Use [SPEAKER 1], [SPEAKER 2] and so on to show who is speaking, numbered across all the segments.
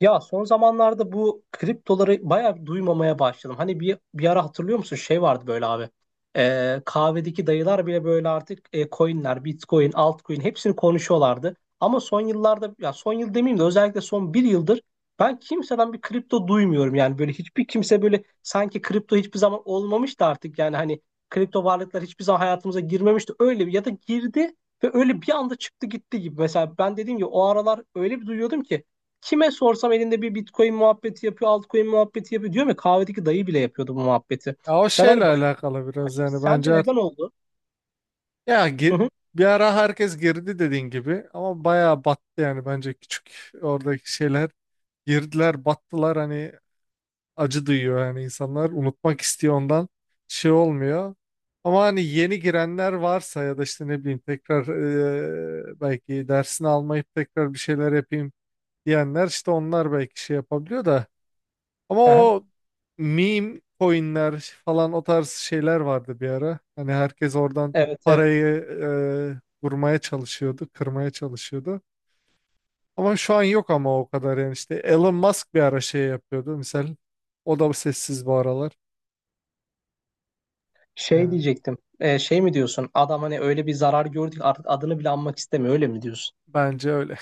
[SPEAKER 1] Ya son zamanlarda bu kriptoları bayağı bir duymamaya başladım. Hani bir ara hatırlıyor musun? Şey vardı böyle abi. Kahvedeki dayılar bile böyle artık coinler, Bitcoin, altcoin hepsini konuşuyorlardı. Ama son yıllarda ya son yıl demeyeyim de özellikle son bir yıldır ben kimseden bir kripto duymuyorum. Yani böyle hiçbir kimse böyle sanki kripto hiçbir zaman olmamıştı artık yani hani kripto varlıklar hiçbir zaman hayatımıza girmemişti. Öyle bir ya da girdi ve öyle bir anda çıktı gitti gibi. Mesela ben dediğim gibi o aralar öyle bir duyuyordum ki kime sorsam elinde bir Bitcoin muhabbeti yapıyor, altcoin muhabbeti yapıyor. Diyorum ya kahvedeki dayı bile yapıyordu bu muhabbeti.
[SPEAKER 2] Ya o
[SPEAKER 1] Ben hani
[SPEAKER 2] şeyle
[SPEAKER 1] bayılıp
[SPEAKER 2] alakalı biraz,
[SPEAKER 1] başladım.
[SPEAKER 2] yani
[SPEAKER 1] Sence
[SPEAKER 2] bence
[SPEAKER 1] neden oldu?
[SPEAKER 2] ya
[SPEAKER 1] Hı
[SPEAKER 2] gir-
[SPEAKER 1] hı.
[SPEAKER 2] bir ara herkes girdi dediğin gibi ama bayağı battı. Yani bence küçük oradaki şeyler girdiler, battılar, hani acı duyuyor, yani insanlar unutmak istiyor, ondan şey olmuyor. Ama hani yeni girenler varsa ya da işte ne bileyim tekrar, belki dersini almayıp tekrar bir şeyler yapayım diyenler, işte onlar belki şey yapabiliyor da. Ama
[SPEAKER 1] Aha,
[SPEAKER 2] o meme coinler falan, o tarz şeyler vardı bir ara. Hani herkes oradan
[SPEAKER 1] evet evet.
[SPEAKER 2] parayı vurmaya çalışıyordu, kırmaya çalışıyordu. Ama şu an yok ama o kadar, yani işte Elon Musk bir ara şey yapıyordu misal. O da sessiz bu aralar.
[SPEAKER 1] Şey
[SPEAKER 2] Yani
[SPEAKER 1] diyecektim. Şey mi diyorsun? Adam hani öyle bir zarar gördük artık adını bile anmak istemiyor. Öyle mi diyorsun?
[SPEAKER 2] bence öyle.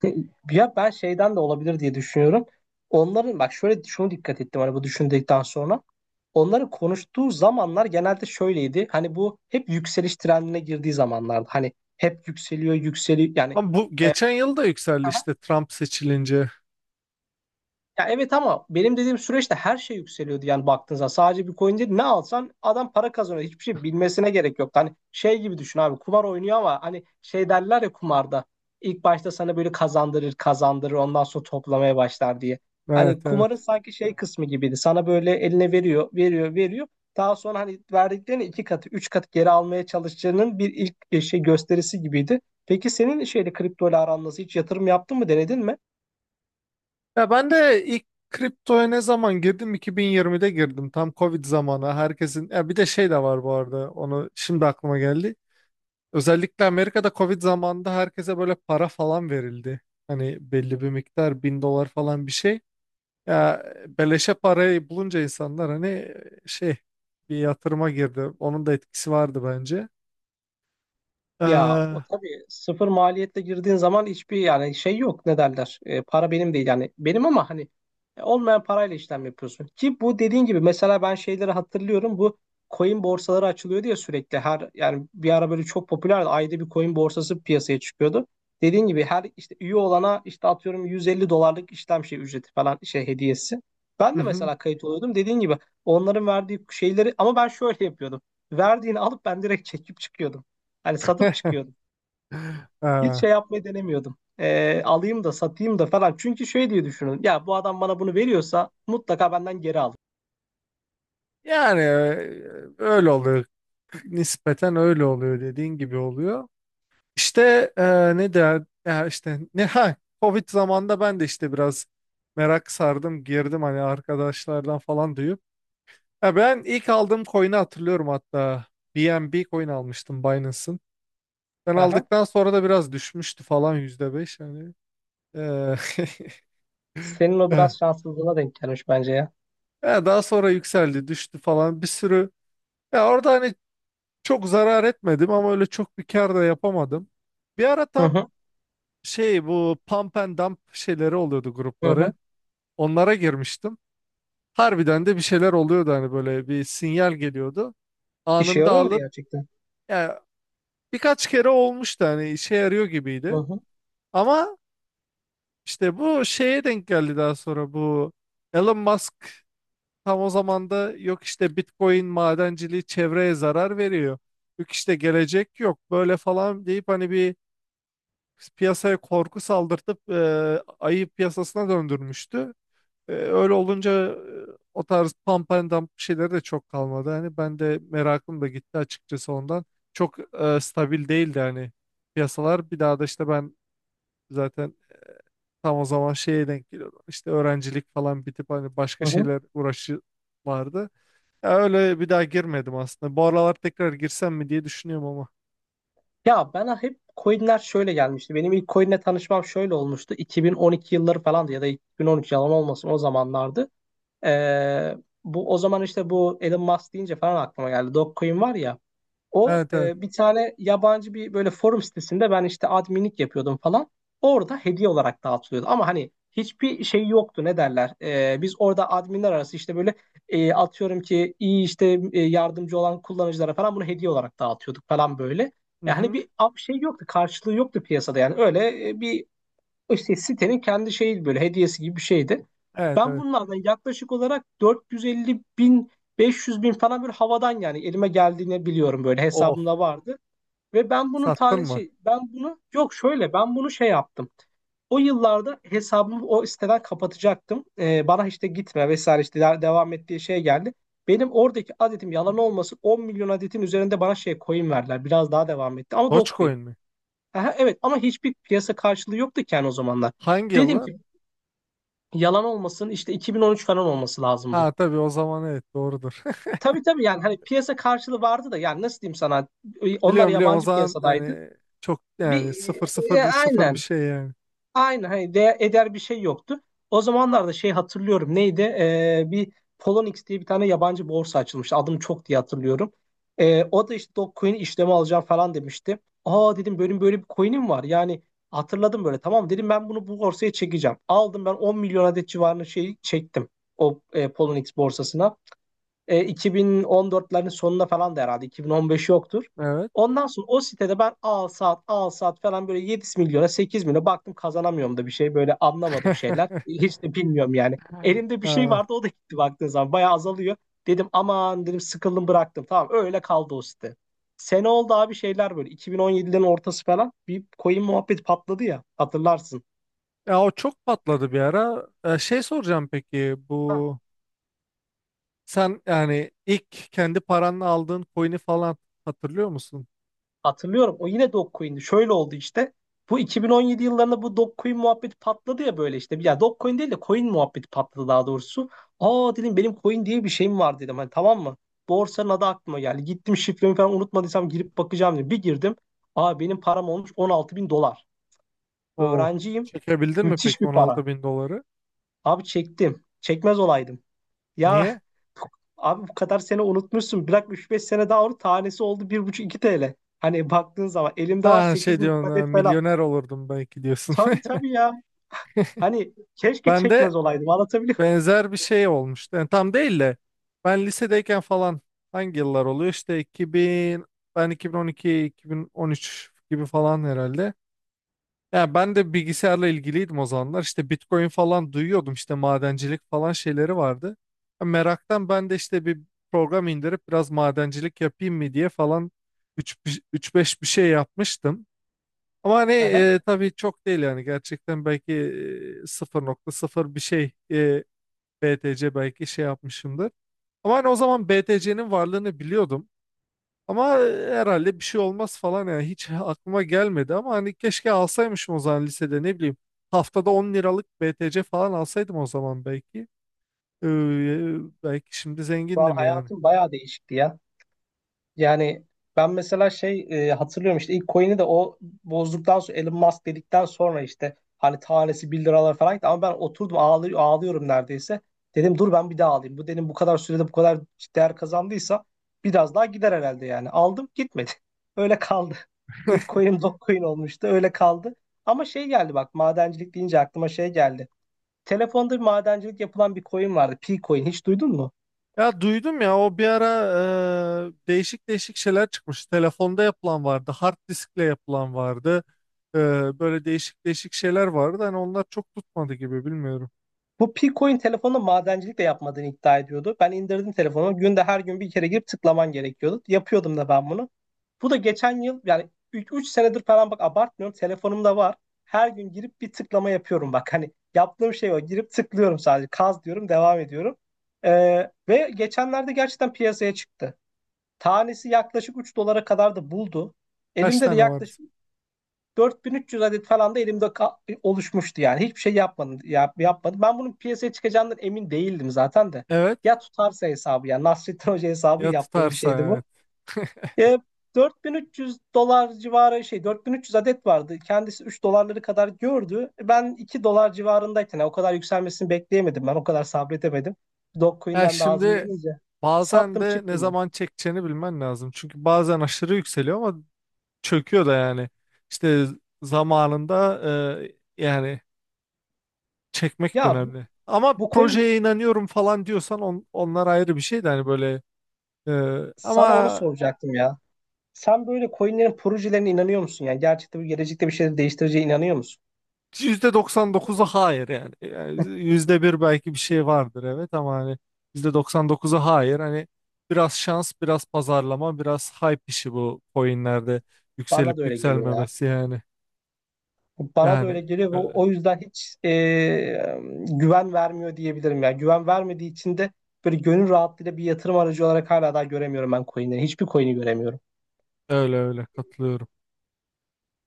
[SPEAKER 1] Ya ben şeyden de olabilir diye düşünüyorum. Onların bak şöyle şunu dikkat ettim hani bu düşündükten sonra. Onların konuştuğu zamanlar genelde şöyleydi. Hani bu hep yükseliş trendine girdiği zamanlardı. Hani hep yükseliyor, yükseliyor. Yani
[SPEAKER 2] Ama bu
[SPEAKER 1] e,
[SPEAKER 2] geçen yıl da yükseldi işte, Trump seçilince.
[SPEAKER 1] ya evet ama benim dediğim süreçte her şey yükseliyordu yani baktığınızda sadece bir coin değil ne alsan adam para kazanıyor hiçbir şey bilmesine gerek yok. Hani şey gibi düşün abi kumar oynuyor ama hani şey derler ya kumarda ilk başta sana böyle kazandırır kazandırır ondan sonra toplamaya başlar diye. Hani
[SPEAKER 2] Evet
[SPEAKER 1] kumarın
[SPEAKER 2] evet.
[SPEAKER 1] sanki şey kısmı gibiydi sana böyle eline veriyor veriyor veriyor daha sonra hani verdiklerini iki katı üç katı geri almaya çalışacağının bir ilk şey gösterisi gibiydi. Peki senin şeyle kripto ile aran nasıl hiç yatırım yaptın mı denedin mi?
[SPEAKER 2] Ya ben de ilk kriptoya ne zaman girdim? 2020'de girdim. Tam Covid zamanı. Herkesin, ya bir de şey de var bu arada. Onu şimdi aklıma geldi. Özellikle Amerika'da Covid zamanında herkese böyle para falan verildi. Hani belli bir miktar, bin dolar falan bir şey. Ya beleşe parayı bulunca insanlar hani şey, bir yatırıma girdi. Onun da etkisi vardı bence.
[SPEAKER 1] Ya o
[SPEAKER 2] Hı
[SPEAKER 1] tabii sıfır maliyetle girdiğin zaman hiçbir yani şey yok ne derler E, para benim değil yani benim ama hani olmayan parayla işlem yapıyorsun ki bu dediğin gibi mesela ben şeyleri hatırlıyorum bu coin borsaları açılıyor diye sürekli her yani bir ara böyle çok popülerdi ayda bir coin borsası piyasaya çıkıyordu dediğin gibi her işte üye olana işte atıyorum 150 dolarlık işlem şey ücreti falan şey hediyesi ben de
[SPEAKER 2] hı.
[SPEAKER 1] mesela kayıt oluyordum dediğin gibi onların verdiği şeyleri ama ben şöyle yapıyordum verdiğini alıp ben direkt çekip çıkıyordum. Hani satıp çıkıyordum. Hiç
[SPEAKER 2] Ee,
[SPEAKER 1] şey yapmayı denemiyordum. Alayım da satayım da falan. Çünkü şey diye düşünün. Ya bu adam bana bunu veriyorsa mutlaka benden geri alır.
[SPEAKER 2] Yani öyle oluyor. Nispeten öyle oluyor, dediğin gibi oluyor. İşte ne der ya işte, ne ha Covid zamanında ben de işte biraz merak sardım, girdim hani arkadaşlardan falan duyup. Ya ben ilk aldığım coin'i hatırlıyorum hatta, BNB coin almıştım Binance'ın. Ben
[SPEAKER 1] Aha.
[SPEAKER 2] aldıktan sonra da biraz düşmüştü falan, %5 hani. E,
[SPEAKER 1] Senin o
[SPEAKER 2] eh,
[SPEAKER 1] biraz şanssızlığına denk gelmiş bence ya.
[SPEAKER 2] ya daha sonra yükseldi, düştü falan bir sürü. Ya orada hani çok zarar etmedim ama öyle çok bir kar da yapamadım. Bir ara
[SPEAKER 1] Hı
[SPEAKER 2] tam
[SPEAKER 1] hı
[SPEAKER 2] şey, bu pump and dump şeyleri oluyordu,
[SPEAKER 1] hı
[SPEAKER 2] grupları.
[SPEAKER 1] hı.
[SPEAKER 2] Onlara girmiştim. Harbiden de bir şeyler oluyordu, hani böyle bir sinyal geliyordu.
[SPEAKER 1] İşe
[SPEAKER 2] Anında
[SPEAKER 1] yarıyor mu
[SPEAKER 2] alıp,
[SPEAKER 1] gerçekten?
[SPEAKER 2] yani birkaç kere olmuştu, hani işe yarıyor
[SPEAKER 1] Hı
[SPEAKER 2] gibiydi.
[SPEAKER 1] hı
[SPEAKER 2] Ama işte bu şeye denk geldi daha sonra, bu Elon Musk tam o zamanda, yok işte Bitcoin madenciliği çevreye zarar veriyor, yok işte gelecek yok böyle falan deyip, hani bir piyasaya korku saldırtıp ayı piyasasına döndürmüştü. Öyle olunca o tarz pump şeyleri de çok kalmadı. Hani ben de merakım da gitti açıkçası ondan. Çok stabil değildi hani piyasalar. Bir daha da işte ben zaten tam o zaman şeye denk geliyordum. İşte öğrencilik falan bitip hani
[SPEAKER 1] hı
[SPEAKER 2] başka
[SPEAKER 1] hı.
[SPEAKER 2] şeyler, uğraşı vardı. Ya öyle bir daha girmedim aslında. Bu aralar tekrar girsem mi diye düşünüyorum ama.
[SPEAKER 1] Ya bana hep coinler şöyle gelmişti. Benim ilk coinle tanışmam şöyle olmuştu. 2012 yılları falandı ya da 2013 yalan olmasın o zamanlardı. Ee, bu o zaman işte bu Elon Musk deyince falan aklıma geldi. Dogecoin var ya. O
[SPEAKER 2] Evet evet.
[SPEAKER 1] bir tane yabancı bir böyle forum sitesinde ben işte adminlik yapıyordum falan. Orada hediye olarak dağıtılıyordu. Ama hani hiçbir şey yoktu ne derler. E, biz orada adminler arası işte böyle atıyorum ki iyi işte yardımcı olan kullanıcılara falan bunu hediye olarak dağıtıyorduk falan böyle. Yani
[SPEAKER 2] Mhm.
[SPEAKER 1] şey yoktu karşılığı yoktu piyasada yani öyle bir işte sitenin kendi şeyi böyle hediyesi gibi bir şeydi.
[SPEAKER 2] Evet
[SPEAKER 1] Ben
[SPEAKER 2] evet.
[SPEAKER 1] bunlardan yaklaşık olarak 450 bin 500 bin falan böyle havadan yani elime geldiğini biliyorum böyle
[SPEAKER 2] Of.
[SPEAKER 1] hesabımda vardı. Ve ben bunun
[SPEAKER 2] Sattın
[SPEAKER 1] tane
[SPEAKER 2] mı?
[SPEAKER 1] şey ben bunu yok şöyle ben bunu şey yaptım. O yıllarda hesabımı o siteden kapatacaktım. Bana işte gitme vesaire işte devam ettiği şey geldi. Benim oradaki adetim yalan olmasın 10 milyon adetin üzerinde bana şey coin verdiler. Biraz daha devam etti ama dog coin.
[SPEAKER 2] Dogecoin mi?
[SPEAKER 1] Aha, evet ama hiçbir piyasa karşılığı yoktu ki yani o zamanlar.
[SPEAKER 2] Hangi
[SPEAKER 1] Dedim
[SPEAKER 2] yıllar?
[SPEAKER 1] ki yalan olmasın işte 2013 falan olması lazım bu.
[SPEAKER 2] Ha tabii, o zaman evet doğrudur.
[SPEAKER 1] Tabii tabii yani hani piyasa karşılığı vardı da yani nasıl diyeyim sana onlar
[SPEAKER 2] Biliyorum biliyorum, o
[SPEAKER 1] yabancı
[SPEAKER 2] zaman
[SPEAKER 1] piyasadaydı.
[SPEAKER 2] hani çok yani sıfır sıfır sıfır bir
[SPEAKER 1] Aynen
[SPEAKER 2] şey yani.
[SPEAKER 1] aynı hani değer, eder bir şey yoktu. O zamanlarda şey hatırlıyorum neydi? Bir Poloniex diye bir tane yabancı borsa açılmıştı. Adım çok diye hatırlıyorum. O da işte Dogecoin işlemi alacağım falan demişti. Aa dedim benim böyle bir coin'im var. Yani hatırladım böyle tamam dedim ben bunu bu borsaya çekeceğim. Aldım ben 10 milyon adet civarında şey çektim o Poloniex borsasına. E, 2014'lerin sonuna falan da herhalde 2015 yoktur.
[SPEAKER 2] Evet.
[SPEAKER 1] Ondan sonra o sitede ben al saat falan böyle 7 milyona 8 milyona baktım kazanamıyorum da bir şey böyle anlamadım şeyler. Hiç de bilmiyorum yani. Elimde bir şey
[SPEAKER 2] Aa.
[SPEAKER 1] vardı o da gitti baktığın zaman bayağı azalıyor. Dedim aman dedim sıkıldım bıraktım tamam öyle kaldı o site. Sene oldu abi şeyler böyle 2017'lerin ortası falan bir coin muhabbet patladı ya hatırlarsın.
[SPEAKER 2] Ya o çok patladı bir ara. Şey soracağım, peki bu sen, yani ilk kendi paranla aldığın coin'i falan hatırlıyor musun?
[SPEAKER 1] Hatırlıyorum. O yine Dogecoin'di. Şöyle oldu işte. Bu 2017 yıllarında bu Dogecoin muhabbeti patladı ya böyle işte. Ya Dogecoin değil de coin muhabbeti patladı daha doğrusu. Aa dedim benim coin diye bir şeyim var dedim. Hani tamam mı? Borsanın adı aklıma geldi. Gittim şifremi falan unutmadıysam girip bakacağım dedim. Bir girdim. Aa benim param olmuş 16 bin dolar.
[SPEAKER 2] O
[SPEAKER 1] Öğrenciyim.
[SPEAKER 2] Çekebildin mi
[SPEAKER 1] Müthiş
[SPEAKER 2] peki
[SPEAKER 1] bir para.
[SPEAKER 2] 16 bin doları?
[SPEAKER 1] Abi çektim. Çekmez olaydım. Ya
[SPEAKER 2] Niye?
[SPEAKER 1] abi bu kadar sene unutmuşsun. Bırak üç beş sene daha onu tanesi oldu 1,5-2 TL. Hani baktığın zaman elimde var
[SPEAKER 2] Ha,
[SPEAKER 1] 8
[SPEAKER 2] şey
[SPEAKER 1] milyon
[SPEAKER 2] diyorsun,
[SPEAKER 1] adet falan.
[SPEAKER 2] milyoner olurdum belki diyorsun.
[SPEAKER 1] Tabii tabii ya. Hani keşke
[SPEAKER 2] Ben de
[SPEAKER 1] çekmez olaydım anlatabiliyor muyum?
[SPEAKER 2] benzer bir şey olmuştu. Yani tam değil de ben lisedeyken falan, hangi yıllar oluyor? İşte 2000, ben 2012, 2013 gibi falan herhalde. Yani ben de bilgisayarla ilgiliydim o zamanlar. İşte Bitcoin falan duyuyordum. İşte madencilik falan şeyleri vardı. Yani meraktan ben de işte bir program indirip biraz madencilik yapayım mı diye falan, üç beş bir şey yapmıştım. Ama hani
[SPEAKER 1] Aha.
[SPEAKER 2] tabii çok değil, yani gerçekten belki sıfır nokta sıfır bir şey BTC belki şey yapmışımdır. Ama hani o zaman BTC'nin varlığını biliyordum. Ama herhalde bir şey olmaz falan, yani hiç aklıma gelmedi, ama hani keşke alsaymışım o zaman lisede, ne bileyim. Haftada 10 liralık BTC falan alsaydım o zaman belki. Ee, e, Belki şimdi
[SPEAKER 1] Şu an
[SPEAKER 2] zengindim yani.
[SPEAKER 1] hayatım bayağı değişikti ya. Yani ben mesela şey hatırlıyorum işte ilk coin'i de o bozduktan sonra Elon Musk dedikten sonra işte hani tanesi bir liralar falan gitti ama ben oturdum ağlıyorum neredeyse. Dedim dur ben bir daha alayım. Bu dedim, bu kadar sürede bu kadar değer kazandıysa biraz daha gider herhalde yani. Aldım gitmedi. Öyle kaldı. İlk coin'im Dogecoin olmuştu öyle kaldı. Ama şey geldi bak madencilik deyince aklıma şey geldi. Telefonda bir madencilik yapılan bir coin vardı. P-Coin hiç duydun mu?
[SPEAKER 2] Ya duydum, ya o bir ara değişik değişik şeyler çıkmış. Telefonda yapılan vardı, hard diskle yapılan vardı. Ee, Böyle değişik değişik şeyler vardı. Hani onlar çok tutmadı gibi, bilmiyorum.
[SPEAKER 1] Bu Pico'nun telefonda madencilik de yapmadığını iddia ediyordu. Ben indirdim telefonu. Günde her gün bir kere girip tıklaman gerekiyordu. Yapıyordum da ben bunu. Bu da geçen yıl yani 3 senedir falan bak abartmıyorum. Telefonumda var. Her gün girip bir tıklama yapıyorum bak. Hani yaptığım şey o. Girip tıklıyorum sadece. Kaz diyorum devam ediyorum. Ve geçenlerde gerçekten piyasaya çıktı. Tanesi yaklaşık 3 dolara kadar da buldu.
[SPEAKER 2] Kaç
[SPEAKER 1] Elimde de
[SPEAKER 2] tane vardı?
[SPEAKER 1] yaklaşık 4.300 adet falan da elimde oluşmuştu yani. Hiçbir şey yapmadım. Ben bunun piyasaya çıkacağından emin değildim zaten de.
[SPEAKER 2] Evet.
[SPEAKER 1] Ya tutarsa hesabı yani Nasrettin Hoca hesabı
[SPEAKER 2] Ya
[SPEAKER 1] yaptığım bir
[SPEAKER 2] tutarsa
[SPEAKER 1] şeydi bu.
[SPEAKER 2] evet.
[SPEAKER 1] E, 4.300 dolar civarı şey 4.300 adet vardı. Kendisi 3 dolarları kadar gördü. Ben 2 dolar civarındayken yani o kadar yükselmesini bekleyemedim ben. O kadar sabredemedim.
[SPEAKER 2] Ya
[SPEAKER 1] Dogecoin'den de ağzım
[SPEAKER 2] şimdi
[SPEAKER 1] yanınca
[SPEAKER 2] bazen
[SPEAKER 1] sattım
[SPEAKER 2] de
[SPEAKER 1] çıktı
[SPEAKER 2] ne
[SPEAKER 1] mı?
[SPEAKER 2] zaman çekeceğini bilmen lazım. Çünkü bazen aşırı yükseliyor ama çöküyor da yani. İşte zamanında yani çekmek de
[SPEAKER 1] Ya
[SPEAKER 2] önemli. Ama
[SPEAKER 1] bu coin
[SPEAKER 2] projeye inanıyorum falan diyorsan, onlar ayrı bir şey de, hani böyle e,
[SPEAKER 1] sana onu
[SPEAKER 2] ama
[SPEAKER 1] soracaktım ya. Sen böyle coinlerin projelerine inanıyor musun? Yani gerçekte bu gelecekte bir şeyleri değiştireceğine inanıyor musun?
[SPEAKER 2] %99'u hayır yani. Yani %1 belki bir şey vardır evet, ama hani %99'u hayır. Hani biraz şans, biraz pazarlama, biraz hype işi, bu coinlerde yükselip
[SPEAKER 1] Bana da öyle geliyor ya.
[SPEAKER 2] yükselmemesi yani.
[SPEAKER 1] Bana da öyle
[SPEAKER 2] Yani
[SPEAKER 1] geliyor ve
[SPEAKER 2] öyle.
[SPEAKER 1] o yüzden hiç güven vermiyor diyebilirim ya. Güven vermediği için de böyle gönül rahatlığıyla bir yatırım aracı olarak hala daha göremiyorum ben coinleri. Hiçbir coin'i göremiyorum.
[SPEAKER 2] Öyle öyle katılıyorum.